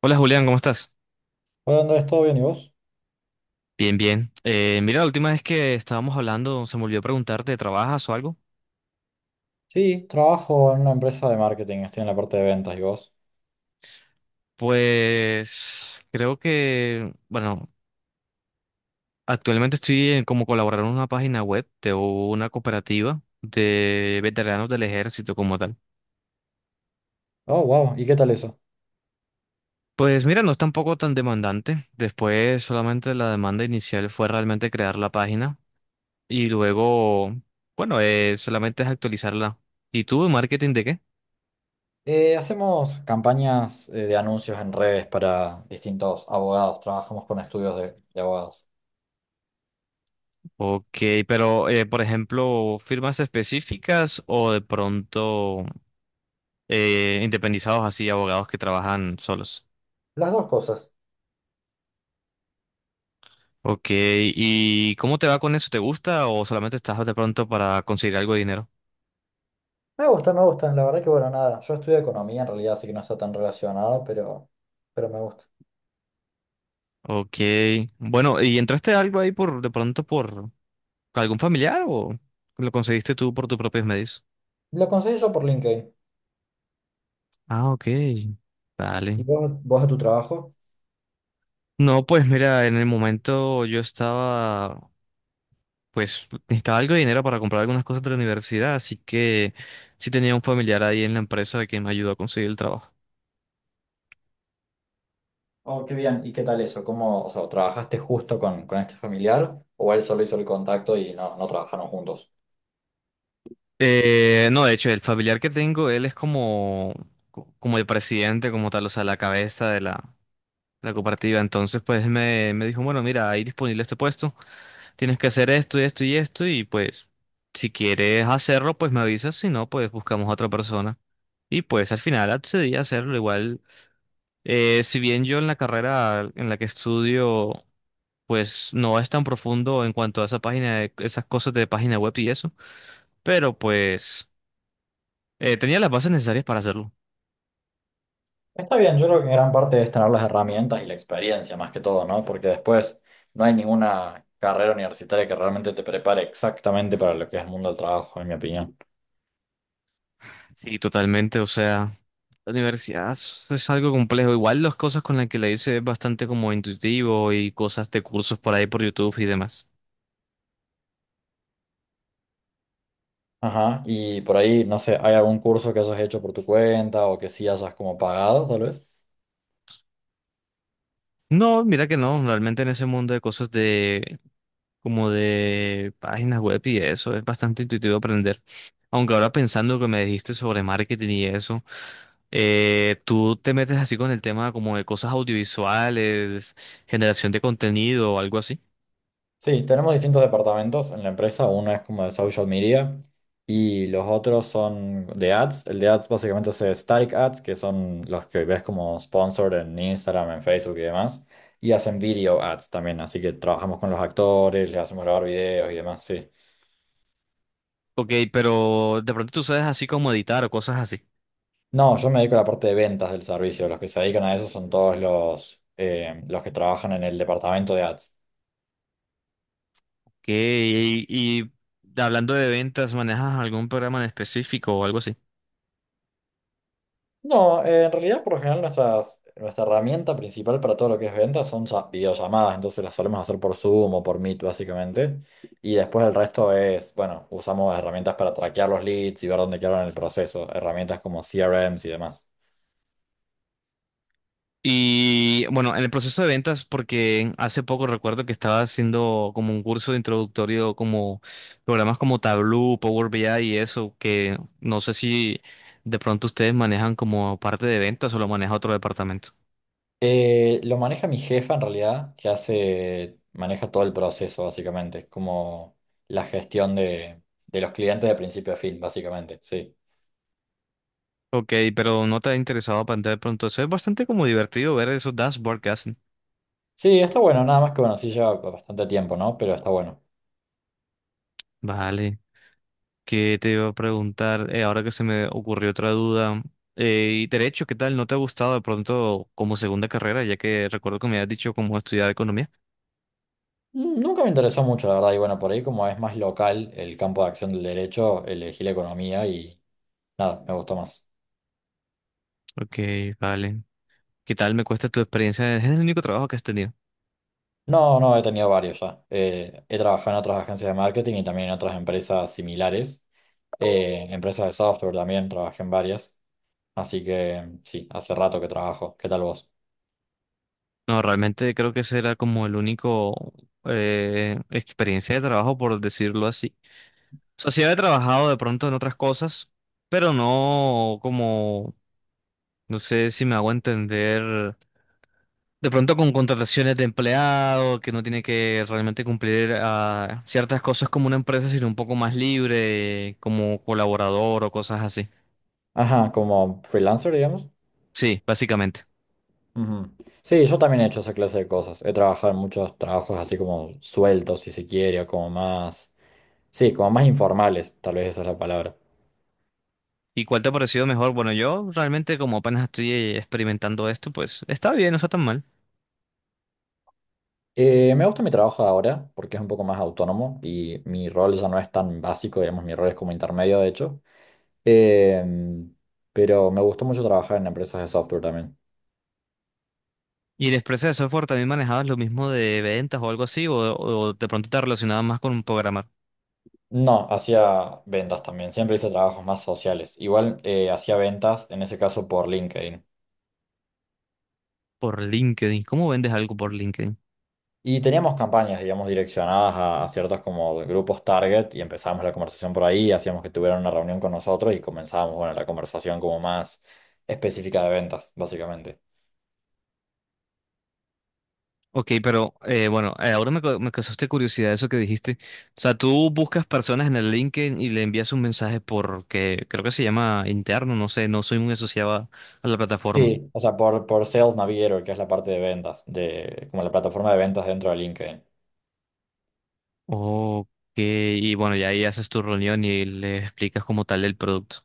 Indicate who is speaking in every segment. Speaker 1: Hola Julián, ¿cómo estás?
Speaker 2: Hola Andrés, ¿todo bien y vos?
Speaker 1: Bien, bien. Mira, la última vez que estábamos hablando, se me olvidó preguntarte, ¿trabajas o algo?
Speaker 2: Sí, trabajo en una empresa de marketing, estoy en la parte de ventas y vos.
Speaker 1: Pues creo que, bueno, actualmente como colaborador en una página web de una cooperativa de veteranos del ejército como tal.
Speaker 2: Oh, wow, ¿y qué tal eso?
Speaker 1: Pues mira, no es tampoco tan demandante. Después solamente la demanda inicial fue realmente crear la página y luego, bueno, solamente es actualizarla. ¿Y tú, marketing de qué?
Speaker 2: Hacemos campañas de anuncios en redes para distintos abogados, trabajamos con estudios de abogados.
Speaker 1: Ok, pero por ejemplo, firmas específicas o de pronto independizados así, abogados que trabajan solos.
Speaker 2: Las dos cosas.
Speaker 1: Ok, ¿y cómo te va con eso? ¿Te gusta o solamente estás de pronto para conseguir algo de dinero?
Speaker 2: Me gusta, me gustan, la verdad que bueno, nada, yo estudio economía en realidad, así que no está tan relacionado, pero me gusta.
Speaker 1: Ok, bueno, ¿y entraste algo ahí por de pronto por algún familiar o lo conseguiste tú por tus propios medios?
Speaker 2: Lo conseguí yo por LinkedIn.
Speaker 1: Ah, ok,
Speaker 2: ¿Y
Speaker 1: vale.
Speaker 2: vos a tu trabajo?
Speaker 1: No, pues mira, en el momento yo estaba, pues necesitaba algo de dinero para comprar algunas cosas de la universidad, así que sí tenía un familiar ahí en la empresa que me ayudó a conseguir el trabajo.
Speaker 2: Oh, qué bien, ¿y qué tal eso? ¿Cómo, o sea, trabajaste justo con este familiar o él solo hizo el contacto y no trabajaron juntos?
Speaker 1: No, de hecho, el familiar que tengo, él es como, como el presidente, como tal, o sea, la cabeza de la cooperativa. Entonces, pues me dijo, bueno, mira, hay disponible este puesto, tienes que hacer esto y esto y esto, y pues si quieres hacerlo, pues me avisas, si no, pues buscamos a otra persona. Y pues al final accedí a hacerlo igual. Si bien yo en la carrera en la que estudio pues no es tan profundo en cuanto a esa página, esas cosas de página web y eso, pero pues tenía las bases necesarias para hacerlo.
Speaker 2: Está bien, yo creo que gran parte es tener las herramientas y la experiencia más que todo, ¿no? Porque después no hay ninguna carrera universitaria que realmente te prepare exactamente para lo que es el mundo del trabajo, en mi opinión.
Speaker 1: Sí, totalmente, o sea, la universidad es algo complejo. Igual las cosas con las que la hice es bastante como intuitivo y cosas de cursos por ahí por YouTube y demás.
Speaker 2: Ajá, y por ahí, no sé, ¿hay algún curso que hayas hecho por tu cuenta o que sí hayas como pagado, tal vez?
Speaker 1: No, mira que no, realmente en ese mundo de cosas de como de páginas web y eso. Es bastante intuitivo aprender. Aunque ahora pensando que me dijiste sobre marketing y eso, tú te metes así con el tema como de cosas audiovisuales, generación de contenido o algo así.
Speaker 2: Sí, tenemos distintos departamentos en la empresa. Uno es como de social media y los otros son de ads. El de ads básicamente es static ads, que son los que ves como sponsor en Instagram, en Facebook y demás. Y hacen video ads también, así que trabajamos con los actores, les hacemos grabar videos y demás, sí.
Speaker 1: Ok, pero de pronto tú sabes así como editar o cosas así.
Speaker 2: No, yo me dedico a la parte de ventas del servicio. Los que se dedican a eso son todos los que trabajan en el departamento de ads.
Speaker 1: Ok, y hablando de ventas, ¿manejas algún programa en específico o algo así?
Speaker 2: No, en realidad por lo general nuestra herramienta principal para todo lo que es ventas son videollamadas, entonces las solemos hacer por Zoom o por Meet básicamente. Y después el resto es, bueno, usamos herramientas para traquear los leads y ver dónde quedaron en el proceso, herramientas como CRMs y demás.
Speaker 1: Y bueno, en el proceso de ventas, porque hace poco recuerdo que estaba haciendo como un curso de introductorio, como programas como Tableau, Power BI y eso, que no sé si de pronto ustedes manejan como parte de ventas o lo maneja otro departamento.
Speaker 2: Lo maneja mi jefa en realidad, maneja todo el proceso básicamente, es como la gestión de, de los clientes de principio a fin básicamente, sí.
Speaker 1: Ok, pero no te ha interesado aprender de pronto eso. Es bastante como divertido ver esos dashboards que hacen.
Speaker 2: Sí, está bueno, nada más que bueno, sí lleva bastante tiempo, ¿no? Pero está bueno.
Speaker 1: Vale. Que te iba a preguntar, ahora que se me ocurrió otra duda, y derecho, ¿qué tal? ¿No te ha gustado de pronto como segunda carrera, ya que recuerdo que me habías dicho cómo estudiar economía?
Speaker 2: Mm, nunca me interesó mucho, la verdad, y bueno, por ahí como es más local el campo de acción del derecho, elegí la economía y nada, me gustó más.
Speaker 1: Ok, vale. ¿Qué tal me cuesta tu experiencia? ¿Es el único trabajo que has tenido?
Speaker 2: No, no, he tenido varios ya. He trabajado en otras agencias de marketing y también en otras empresas similares. Empresas de software también, trabajé en varias. Así que sí, hace rato que trabajo. ¿Qué tal vos?
Speaker 1: No, realmente creo que ese era como el único experiencia de trabajo, por decirlo así. O sea, sí había trabajado de pronto en otras cosas, pero no como, no sé si me hago entender. De pronto con contrataciones de empleado, que no tiene que realmente cumplir ah, ciertas cosas como una empresa, sino un poco más libre, como colaborador o cosas así.
Speaker 2: Ajá, como freelancer, digamos.
Speaker 1: Sí, básicamente.
Speaker 2: Ujú. Sí, yo también he hecho esa clase de cosas. He trabajado en muchos trabajos así como sueltos, si se quiere, o como más... Sí, como más informales, tal vez esa es la palabra.
Speaker 1: ¿Y cuál te ha parecido mejor? Bueno, yo realmente como apenas estoy experimentando esto, pues está bien, no está tan mal.
Speaker 2: Me gusta mi trabajo de ahora porque es un poco más autónomo y mi rol ya no es tan básico, digamos, mi rol es como intermedio, de hecho. Em, pero me gustó mucho trabajar en empresas de software también.
Speaker 1: ¿Y en empresa de software también manejabas lo mismo de ventas o algo así? O de pronto te relacionabas más con un programar
Speaker 2: No, hacía ventas también, siempre hice trabajos más sociales. Igual hacía ventas, en ese caso por LinkedIn.
Speaker 1: por LinkedIn? ¿Cómo vendes algo por LinkedIn?
Speaker 2: Y teníamos campañas, digamos, direccionadas a ciertos como grupos target y empezábamos la conversación por ahí, hacíamos que tuvieran una reunión con nosotros y comenzábamos, bueno, la conversación como más específica de ventas, básicamente.
Speaker 1: Ok, pero bueno, ahora me causaste curiosidad eso que dijiste. O sea, tú buscas personas en el LinkedIn y le envías un mensaje porque creo que se llama interno, no sé, no soy muy asociado a la plataforma.
Speaker 2: Sí, o sea, por Sales Navigator, que es la parte de ventas, de, como la plataforma de ventas dentro de LinkedIn.
Speaker 1: Ok, y bueno, ya ahí haces tu reunión y le explicas como tal el producto.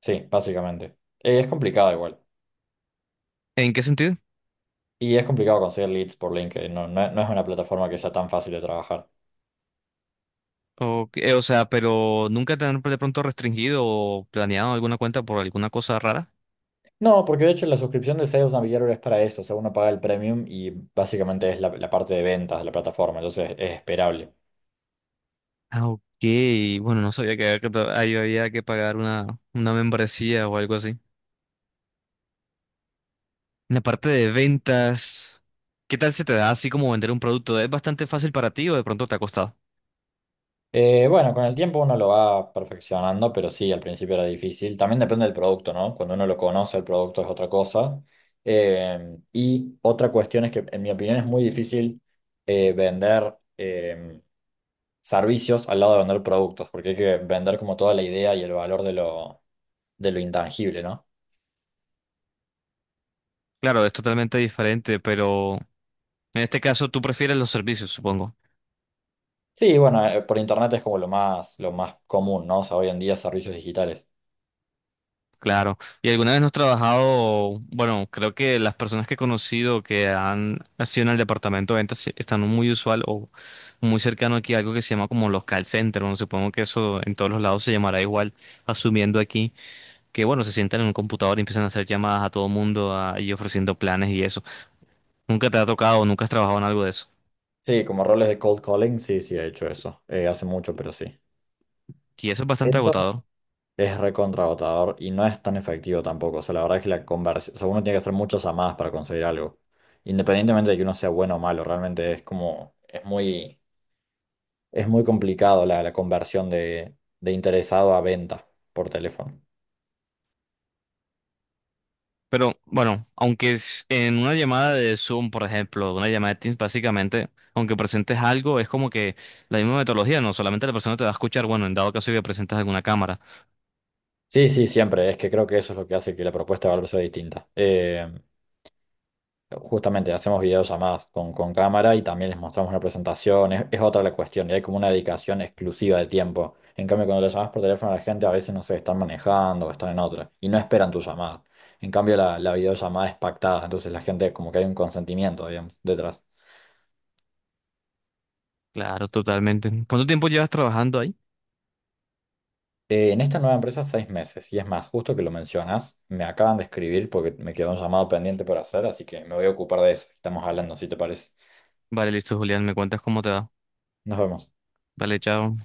Speaker 2: Sí, básicamente. Es complicado igual.
Speaker 1: ¿En qué sentido?
Speaker 2: Y es complicado conseguir leads por LinkedIn. No, no, no es una plataforma que sea tan fácil de trabajar.
Speaker 1: Ok, o sea, pero nunca te han de pronto restringido o planeado alguna cuenta por alguna cosa rara.
Speaker 2: No, porque de hecho la suscripción de Sales Navigator es para eso. O sea, uno paga el premium y básicamente es la parte de ventas de la plataforma. Entonces es esperable.
Speaker 1: Ah, ok, bueno, no sabía que había que, ahí había que pagar una membresía o algo así. En la parte de ventas, ¿qué tal se te da así como vender un producto? ¿Es bastante fácil para ti o de pronto te ha costado?
Speaker 2: Bueno, con el tiempo uno lo va perfeccionando, pero sí, al principio era difícil. También depende del producto, ¿no? Cuando uno lo conoce, el producto es otra cosa. Y otra cuestión es que, en mi opinión, es muy difícil vender servicios al lado de vender productos, porque hay que vender como toda la idea y el valor de lo intangible, ¿no?
Speaker 1: Claro, es totalmente diferente, pero en este caso tú prefieres los servicios, supongo.
Speaker 2: Sí, bueno, por internet es como lo más común, ¿no? O sea, hoy en día servicios digitales.
Speaker 1: Claro. ¿Y alguna vez no has trabajado? Bueno, creo que las personas que he conocido que han nacido en el departamento de ventas están muy usual o muy cercano aquí a algo que se llama como los call centers. Bueno, supongo que eso en todos los lados se llamará igual, asumiendo aquí que, bueno, se sientan en un computador y empiezan a hacer llamadas a todo mundo ah, y ofreciendo planes y eso. Nunca te ha tocado, nunca has trabajado en algo de eso.
Speaker 2: Sí, como roles de cold calling, sí, sí, he hecho eso. Hace mucho, pero sí.
Speaker 1: Y eso es bastante
Speaker 2: Eso.
Speaker 1: agotador.
Speaker 2: Es recontragotador y no es tan efectivo tampoco. O sea, la verdad es que la conversión, o sea, uno tiene que hacer muchas llamadas para conseguir algo. Independientemente de que uno sea bueno o malo, realmente es como, es muy complicado la conversión de interesado a venta por teléfono.
Speaker 1: Pero bueno, aunque es en una llamada de Zoom, por ejemplo, una llamada de Teams, básicamente, aunque presentes algo, es como que la misma metodología, no solamente la persona te va a escuchar, bueno, en dado caso que presentes alguna cámara.
Speaker 2: Sí, sí, siempre. Es que creo que eso es lo que hace que la propuesta de valor sea distinta. Justamente hacemos videollamadas con cámara y también les mostramos una presentación, es otra la cuestión, y hay como una dedicación exclusiva de tiempo. En cambio, cuando le llamas por teléfono a la gente, a veces no sé, están manejando o están en otra y no esperan tu llamada. En cambio, la videollamada es pactada, entonces la gente como que hay un consentimiento, digamos, detrás.
Speaker 1: Claro, totalmente. ¿Cuánto tiempo llevas trabajando ahí?
Speaker 2: En esta nueva empresa, 6 meses, y es más, justo que lo mencionas, me acaban de escribir porque me quedó un llamado pendiente por hacer, así que me voy a ocupar de eso. Estamos hablando, si te parece.
Speaker 1: Vale, listo, Julián, me cuentas cómo te va.
Speaker 2: Nos vemos.
Speaker 1: Vale, chao.